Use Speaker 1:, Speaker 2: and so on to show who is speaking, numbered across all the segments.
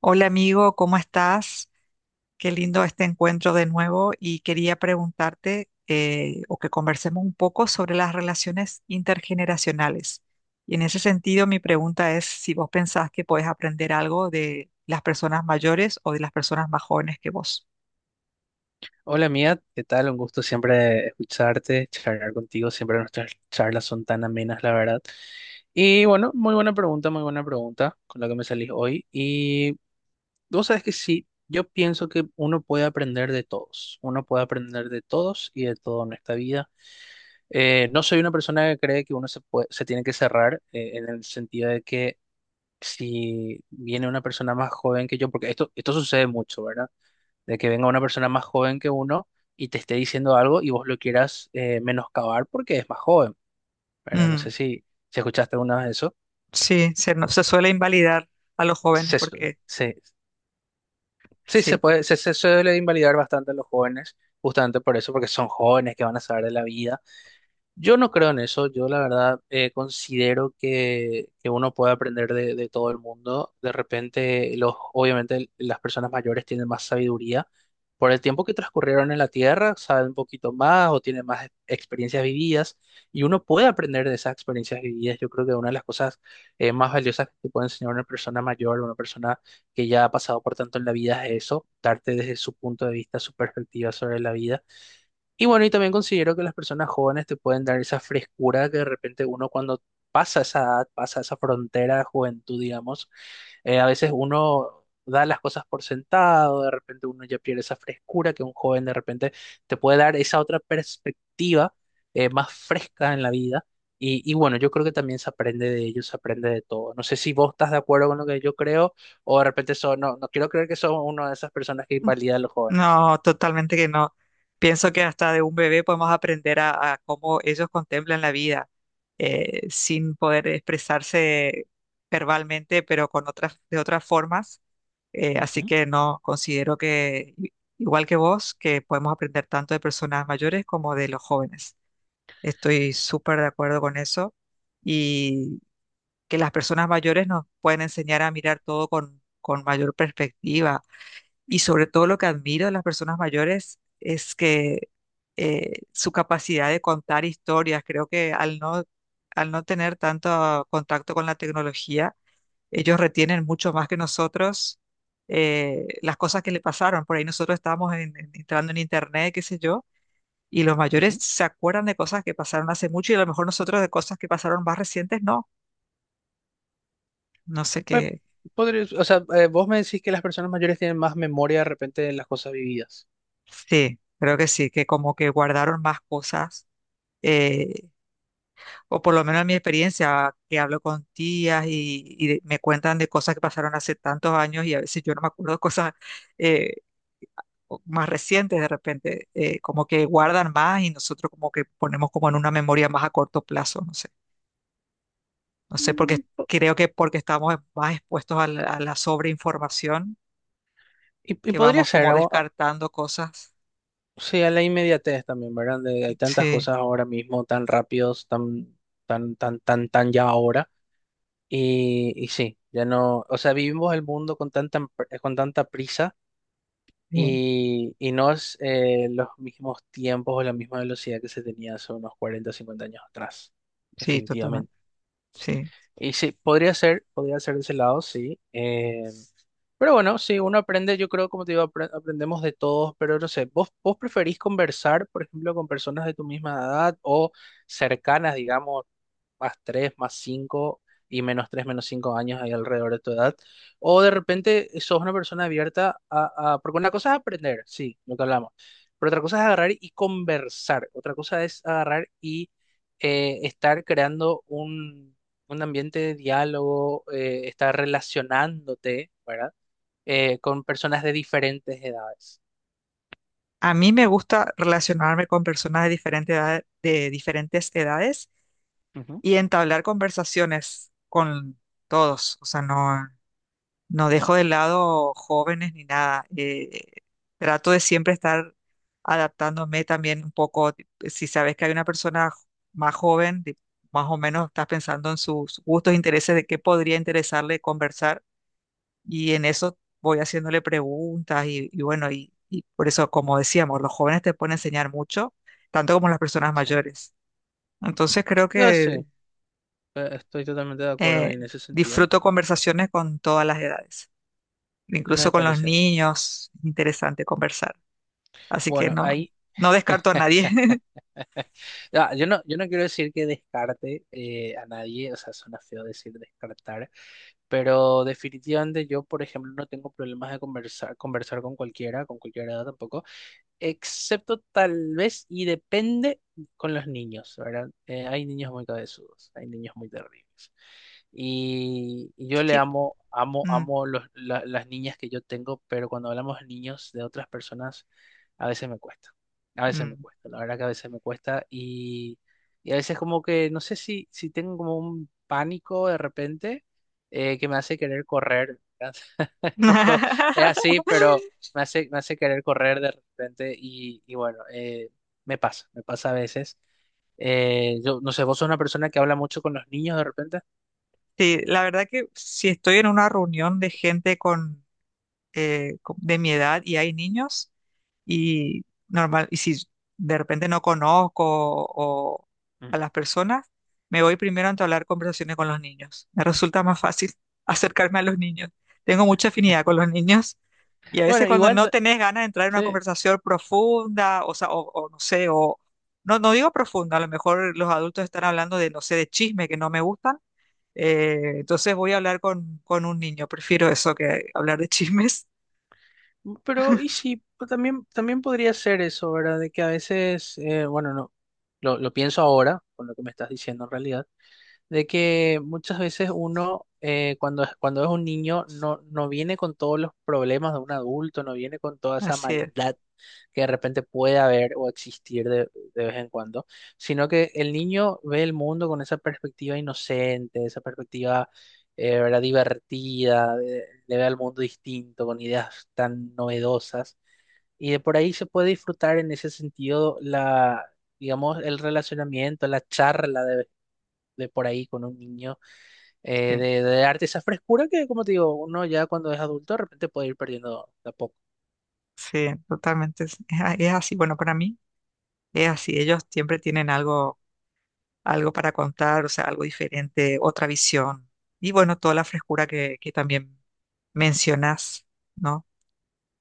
Speaker 1: Hola amigo, ¿cómo estás? Qué lindo este encuentro de nuevo y quería preguntarte o que conversemos un poco sobre las relaciones intergeneracionales. Y en ese sentido, mi pregunta es si vos pensás que podés aprender algo de las personas mayores o de las personas más jóvenes que vos.
Speaker 2: Hola Mía, ¿qué tal? Un gusto siempre escucharte, charlar contigo. Siempre nuestras charlas son tan amenas, la verdad. Y bueno, muy buena pregunta con la que me salís hoy. Y vos sabes que sí, yo pienso que uno puede aprender de todos. Uno puede aprender de todos y de todo en esta vida. No soy una persona que cree que uno se tiene que cerrar en el sentido de que si viene una persona más joven que yo, porque esto sucede mucho, ¿verdad? De que venga una persona más joven que uno y te esté diciendo algo y vos lo quieras menoscabar porque es más joven, ¿verdad? No
Speaker 1: Mm,
Speaker 2: sé si escuchaste alguna vez eso.
Speaker 1: sí, se, no- se suele invalidar a los jóvenes
Speaker 2: Se, su-
Speaker 1: porque
Speaker 2: se- sí, se
Speaker 1: sí.
Speaker 2: puede, se suele invalidar bastante a los jóvenes, justamente por eso, porque son jóvenes que van a saber de la vida. Yo no creo en eso, yo la verdad considero que uno puede aprender de todo el mundo. De repente, obviamente las personas mayores tienen más sabiduría por el tiempo que transcurrieron en la Tierra, saben un poquito más o tienen más experiencias vividas y uno puede aprender de esas experiencias vividas. Yo creo que una de las cosas más valiosas que te puede enseñar una persona mayor, una persona que ya ha pasado por tanto en la vida es eso, darte desde su punto de vista, su perspectiva sobre la vida. Y bueno, y también considero que las personas jóvenes te pueden dar esa frescura que de repente uno cuando pasa esa edad, pasa esa frontera de juventud, digamos, a veces uno da las cosas por sentado, de repente uno ya pierde esa frescura que un joven de repente te puede dar esa otra perspectiva más fresca en la vida. Y bueno, yo creo que también se aprende de ellos, se aprende de todo. No sé si vos estás de acuerdo con lo que yo creo o de repente no, no quiero creer que son una de esas personas que invalidan a los jóvenes.
Speaker 1: No, totalmente que no. Pienso que hasta de un bebé podemos aprender a cómo ellos contemplan la vida, sin poder expresarse verbalmente, pero con otras, de otras formas. Así
Speaker 2: Ujú,
Speaker 1: que no, considero que, igual que vos, que podemos aprender tanto de personas mayores como de los jóvenes. Estoy súper de acuerdo con eso y que las personas mayores nos pueden enseñar a mirar todo con mayor perspectiva y sobre todo lo que admiro de las personas mayores es que su capacidad de contar historias, creo que al no tener tanto contacto con la tecnología, ellos retienen mucho más que nosotros las cosas que le pasaron. Por ahí nosotros estábamos entrando en internet, qué sé yo, y los mayores
Speaker 2: ujú.
Speaker 1: se acuerdan de cosas que pasaron hace mucho y a lo mejor nosotros de cosas que pasaron más recientes, no. No sé
Speaker 2: Pues,
Speaker 1: qué.
Speaker 2: o sea, vos me decís que las personas mayores tienen más memoria de repente de las cosas vividas.
Speaker 1: Sí, creo que sí, que como que guardaron más cosas. eh, o por lo menos en mi experiencia, que hablo con tías me cuentan de cosas que pasaron hace tantos años y a veces yo no me acuerdo de cosas eh, más recientes de repente, como que guardan más y nosotros como que ponemos como en una memoria más a corto plazo, no sé, no sé, porque creo que porque estamos más expuestos a a la sobreinformación,
Speaker 2: Y
Speaker 1: que
Speaker 2: podría
Speaker 1: vamos
Speaker 2: ser,
Speaker 1: como descartando cosas.
Speaker 2: o sea, la inmediatez también, ¿verdad? De- hay tantas
Speaker 1: Sí,
Speaker 2: cosas ahora mismo, tan rápidos, tan ya ahora. Y sí, ya no, o sea, vivimos el mundo con con tanta prisa
Speaker 1: sí,
Speaker 2: y no es los mismos tiempos o la misma velocidad que se tenía hace unos 40 o 50 años atrás,
Speaker 1: sí, totalmente,
Speaker 2: definitivamente.
Speaker 1: sí.
Speaker 2: Y sí, podría ser de ese lado, sí. Pero bueno, sí, uno aprende, yo creo, como te digo, aprendemos de todos, pero no sé, ¿vos preferís conversar, por ejemplo, con personas de tu misma edad o cercanas, digamos, más 3 más 5 y menos 3 menos 5 años ahí alrededor de tu edad? O de repente sos una persona abierta porque una cosa es aprender, sí, lo que hablamos, pero otra cosa es agarrar y conversar, otra cosa es agarrar y estar creando un ambiente de diálogo, estar relacionándote, ¿verdad? Con personas de diferentes edades.
Speaker 1: A mí me gusta relacionarme con personas de diferentes edades
Speaker 2: Ujú,
Speaker 1: y entablar conversaciones con todos. O sea, no, no dejo de lado jóvenes ni nada. Trato de siempre estar adaptándome también un poco. Si sabes que hay una más joven, más o menos estás pensando en sus gustos, intereses, de qué podría interesarle conversar. Y en eso voy haciéndole preguntas y bueno, y por eso, como decíamos, los jóvenes te pueden enseñar mucho, tanto como las personas
Speaker 2: sí.
Speaker 1: mayores. Entonces creo
Speaker 2: Yo
Speaker 1: que
Speaker 2: sí, estoy totalmente de acuerdo
Speaker 1: Eh,
Speaker 2: en ese sentido.
Speaker 1: disfruto conversaciones con todas las edades,
Speaker 2: Me
Speaker 1: incluso con los
Speaker 2: parece bien.
Speaker 1: niños, interesante conversar. Así que
Speaker 2: Bueno,
Speaker 1: no,
Speaker 2: ahí,
Speaker 1: no descarto a nadie.
Speaker 2: ah, yo no quiero decir que descarte a nadie, o sea, suena feo decir descartar, pero definitivamente yo, por ejemplo, no tengo problemas de conversar con cualquiera, con cualquier edad tampoco. Excepto tal vez y depende con los niños, ¿verdad? Hay niños muy cabezudos, hay niños muy terribles. Y yo le
Speaker 1: Sí.
Speaker 2: amo, amo,
Speaker 1: Mm,
Speaker 2: amo las niñas que yo tengo, pero cuando hablamos de niños de otras personas, a veces me cuesta, a veces me
Speaker 1: mm.
Speaker 2: cuesta, la verdad que a veces me cuesta y a veces como que no sé si tengo como un pánico de repente que me hace querer correr, ¿verdad? poco es así, pero me hace querer correr de repente y bueno, me pasa a veces. Yo no sé, vos sos una persona que habla mucho con los niños de repente.
Speaker 1: Sí, la verdad que si estoy en una reunión de gente con de mi edad y hay niños y normal, y si de repente no conozco o a
Speaker 2: Mm.
Speaker 1: las personas, me voy primero a entablar conversaciones con los niños. Me resulta más fácil acercarme a los niños. Tengo mucha afinidad con los niños y a veces
Speaker 2: Bueno,
Speaker 1: cuando
Speaker 2: igual,
Speaker 1: no tenés ganas de entrar en una
Speaker 2: sí,
Speaker 1: conversación profunda, o sea, o no sé, o no, no digo profunda, a lo mejor los adultos están hablando de, no sé, de chisme que no me gustan. Entonces voy a hablar con un niño, prefiero eso que hablar de chismes.
Speaker 2: pero y sí, pues también, también podría ser eso, ¿verdad? De que a veces, bueno, no, lo pienso ahora, con lo que me estás diciendo en realidad. De que muchas veces uno cuando es un niño no, no viene con todos los problemas de un adulto, no viene con toda esa
Speaker 1: Así es,
Speaker 2: maldad que de repente puede haber o existir de vez en cuando, sino que el niño ve el mundo con esa perspectiva inocente, esa perspectiva ¿verdad? Divertida, le ve al mundo distinto, con ideas tan novedosas. Y de por ahí se puede disfrutar en ese sentido digamos, el relacionamiento, la charla de por ahí con un niño,
Speaker 1: sí,
Speaker 2: de darte esa frescura que, como te digo, uno ya cuando es adulto de repente puede ir perdiendo de a poco.
Speaker 1: sí, totalmente. Es así, bueno, para mí es así. Ellos siempre tienen algo, algo para contar, o sea, algo diferente, otra visión. Y bueno, toda la frescura que también mencionas, ¿no?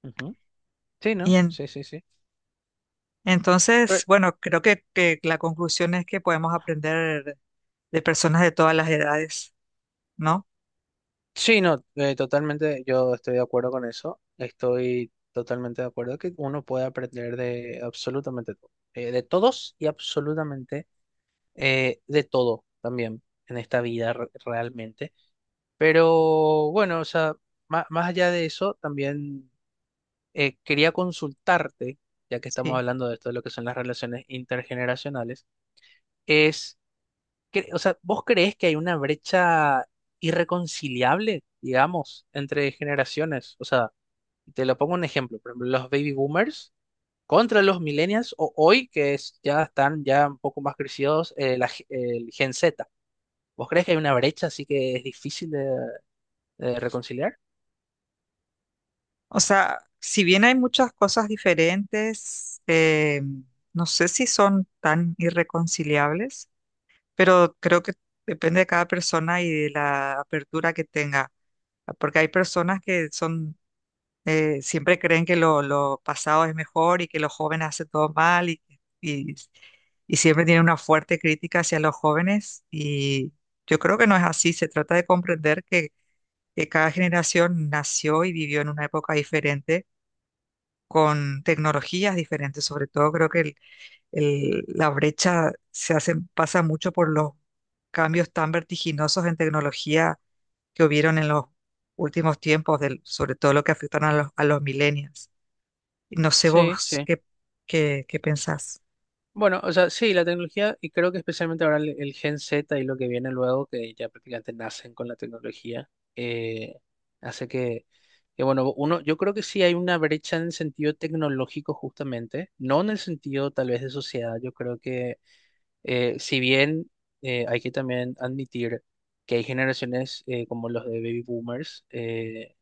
Speaker 2: Ujú. Sí,
Speaker 1: Y
Speaker 2: ¿no?
Speaker 1: en-
Speaker 2: Sí, sí, sí.
Speaker 1: entonces,
Speaker 2: Pero,
Speaker 1: bueno, creo que la conclusión es que podemos aprender de personas de todas las edades, ¿no?
Speaker 2: sí, no, totalmente yo estoy de acuerdo con eso. Estoy totalmente de acuerdo que uno puede aprender de absolutamente todo. De todos y absolutamente de todo también en esta vida realmente. Pero bueno, o sea, más allá de eso, también. Quería consultarte, ya que estamos
Speaker 1: Sí.
Speaker 2: hablando de esto, de lo que son las relaciones intergeneracionales, es, que, o sea, ¿vos creés que hay una brecha irreconciliable, digamos, entre generaciones? O sea, te lo pongo un ejemplo, por ejemplo, los baby boomers contra los millennials o hoy, que es, ya están ya un poco más crecidos, el Gen Z. ¿Vos crees que hay una brecha así que es difícil de reconciliar?
Speaker 1: O sea, si bien hay muchas cosas diferentes, no sé si son tan irreconciliables. Pero creo que depende de cada persona y de la apertura que tenga, porque hay personas que son, siempre creen que lo pasado es mejor y que los jóvenes hacen todo mal y, y siempre tienen una fuerte crítica hacia los jóvenes y yo creo que no es así, se trata de comprender que cada generación nació y vivió en una época diferente, con tecnologías diferentes, sobre todo creo que la brecha se hace, pasa mucho por los cambios tan vertiginosos en tecnología que hubieron en los últimos tiempos, sobre todo lo que afectan a a los millennials. Y no sé
Speaker 2: Sí,
Speaker 1: vos
Speaker 2: sí.
Speaker 1: qué, qué, qué pensás.
Speaker 2: Bueno, o sea, sí, la tecnología, y creo que especialmente ahora el Gen Z y lo que viene luego, que ya prácticamente nacen con la tecnología, eh, hace que, bueno, uno, yo creo que sí hay una brecha en el sentido tecnológico justamente, no en el sentido tal vez de sociedad, yo creo que si bien hay que también admitir que hay generaciones como los de baby boomers,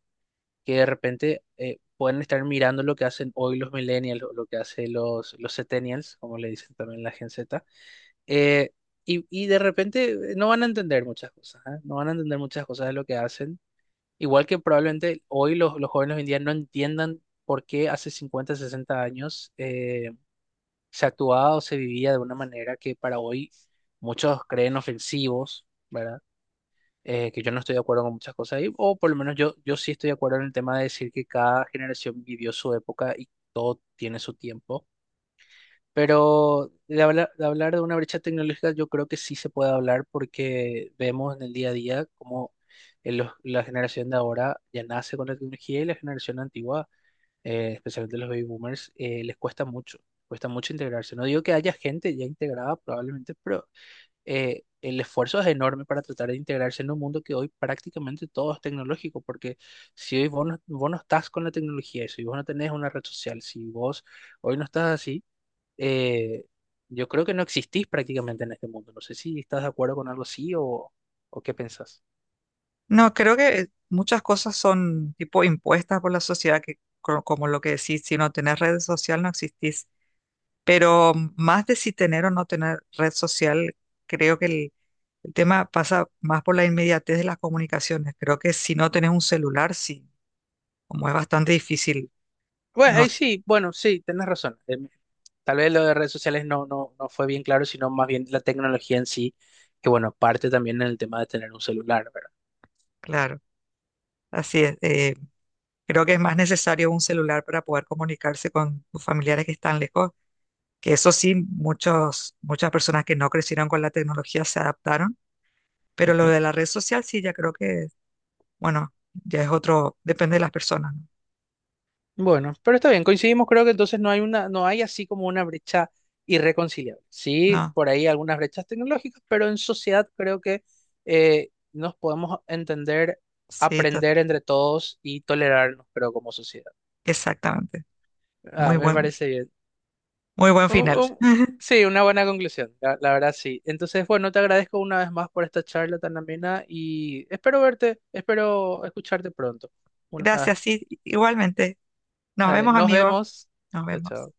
Speaker 2: que de repente pueden estar mirando lo que hacen hoy los millennials, o lo que hacen los centennials, como le dicen también la Gen Z, eh, y de repente no van a entender muchas cosas, ¿eh? No van a entender muchas cosas de lo que hacen. Igual que probablemente hoy los jóvenes hoy en día no entiendan por qué hace 50, 60 años se actuaba o se vivía de una manera que para hoy muchos creen ofensivos. ¿Verdad? Que yo no estoy de acuerdo con muchas cosas ahí, o por lo menos yo, yo sí estoy de acuerdo en el tema de decir que cada generación vivió su época y todo tiene su tiempo. Pero de hablar, de hablar de una brecha tecnológica, yo creo que sí se puede hablar porque vemos en el día a día cómo la generación de ahora ya nace con la tecnología y la generación antigua, especialmente los baby boomers, les cuesta mucho integrarse. No digo que haya gente ya integrada probablemente, pero el esfuerzo es enorme para tratar de integrarse en un mundo que hoy prácticamente todo es tecnológico, porque si hoy vos no estás con la tecnología, si vos no tenés una red social, si vos hoy no estás así, eh, yo creo que no existís prácticamente en este mundo. No sé si estás de acuerdo con algo así o qué pensás.
Speaker 1: No, creo que muchas cosas son tipo impuestas por la sociedad, como, lo que decís, si no tenés redes sociales no existís. Pero más de si tener o no tener red social, creo que el tema pasa más por la inmediatez de las comunicaciones. Creo que si no tenés un celular, sí, como es bastante difícil,
Speaker 2: Bueno,
Speaker 1: no,
Speaker 2: ahí sí, bueno, sí, tenés razón. Tal vez lo de redes sociales no, no, no fue bien claro, sino más bien la tecnología en sí, que bueno, parte también en el tema de tener un celular, ¿verdad?
Speaker 1: claro, así es. Creo que es más necesario un celular para poder comunicarse con tus familiares que están lejos, que eso sí, muchas personas que no crecieron con la tecnología se adaptaron, pero lo de la red social sí, ya creo que, bueno, ya es otro, depende de las personas, ¿no?
Speaker 2: Bueno, pero está bien, coincidimos, creo que entonces no hay no hay así como una brecha irreconciliable. Sí,
Speaker 1: No,
Speaker 2: por ahí algunas brechas tecnológicas, pero en sociedad creo que nos podemos entender,
Speaker 1: sí,
Speaker 2: aprender entre todos y tolerarnos, creo, como sociedad.
Speaker 1: exactamente.
Speaker 2: Ah,
Speaker 1: Muy
Speaker 2: me parece bien.
Speaker 1: muy buen
Speaker 2: U-
Speaker 1: final.
Speaker 2: u- sí, una buena conclusión, la verdad sí. Entonces, bueno, te agradezco una vez más por esta charla tan amena y espero verte, espero escucharte pronto. Una vez
Speaker 1: Gracias,
Speaker 2: más.
Speaker 1: sí, igualmente. Nos
Speaker 2: Dale,
Speaker 1: vemos,
Speaker 2: nos
Speaker 1: amigos.
Speaker 2: vemos.
Speaker 1: Nos
Speaker 2: Chao,
Speaker 1: vemos.
Speaker 2: chao.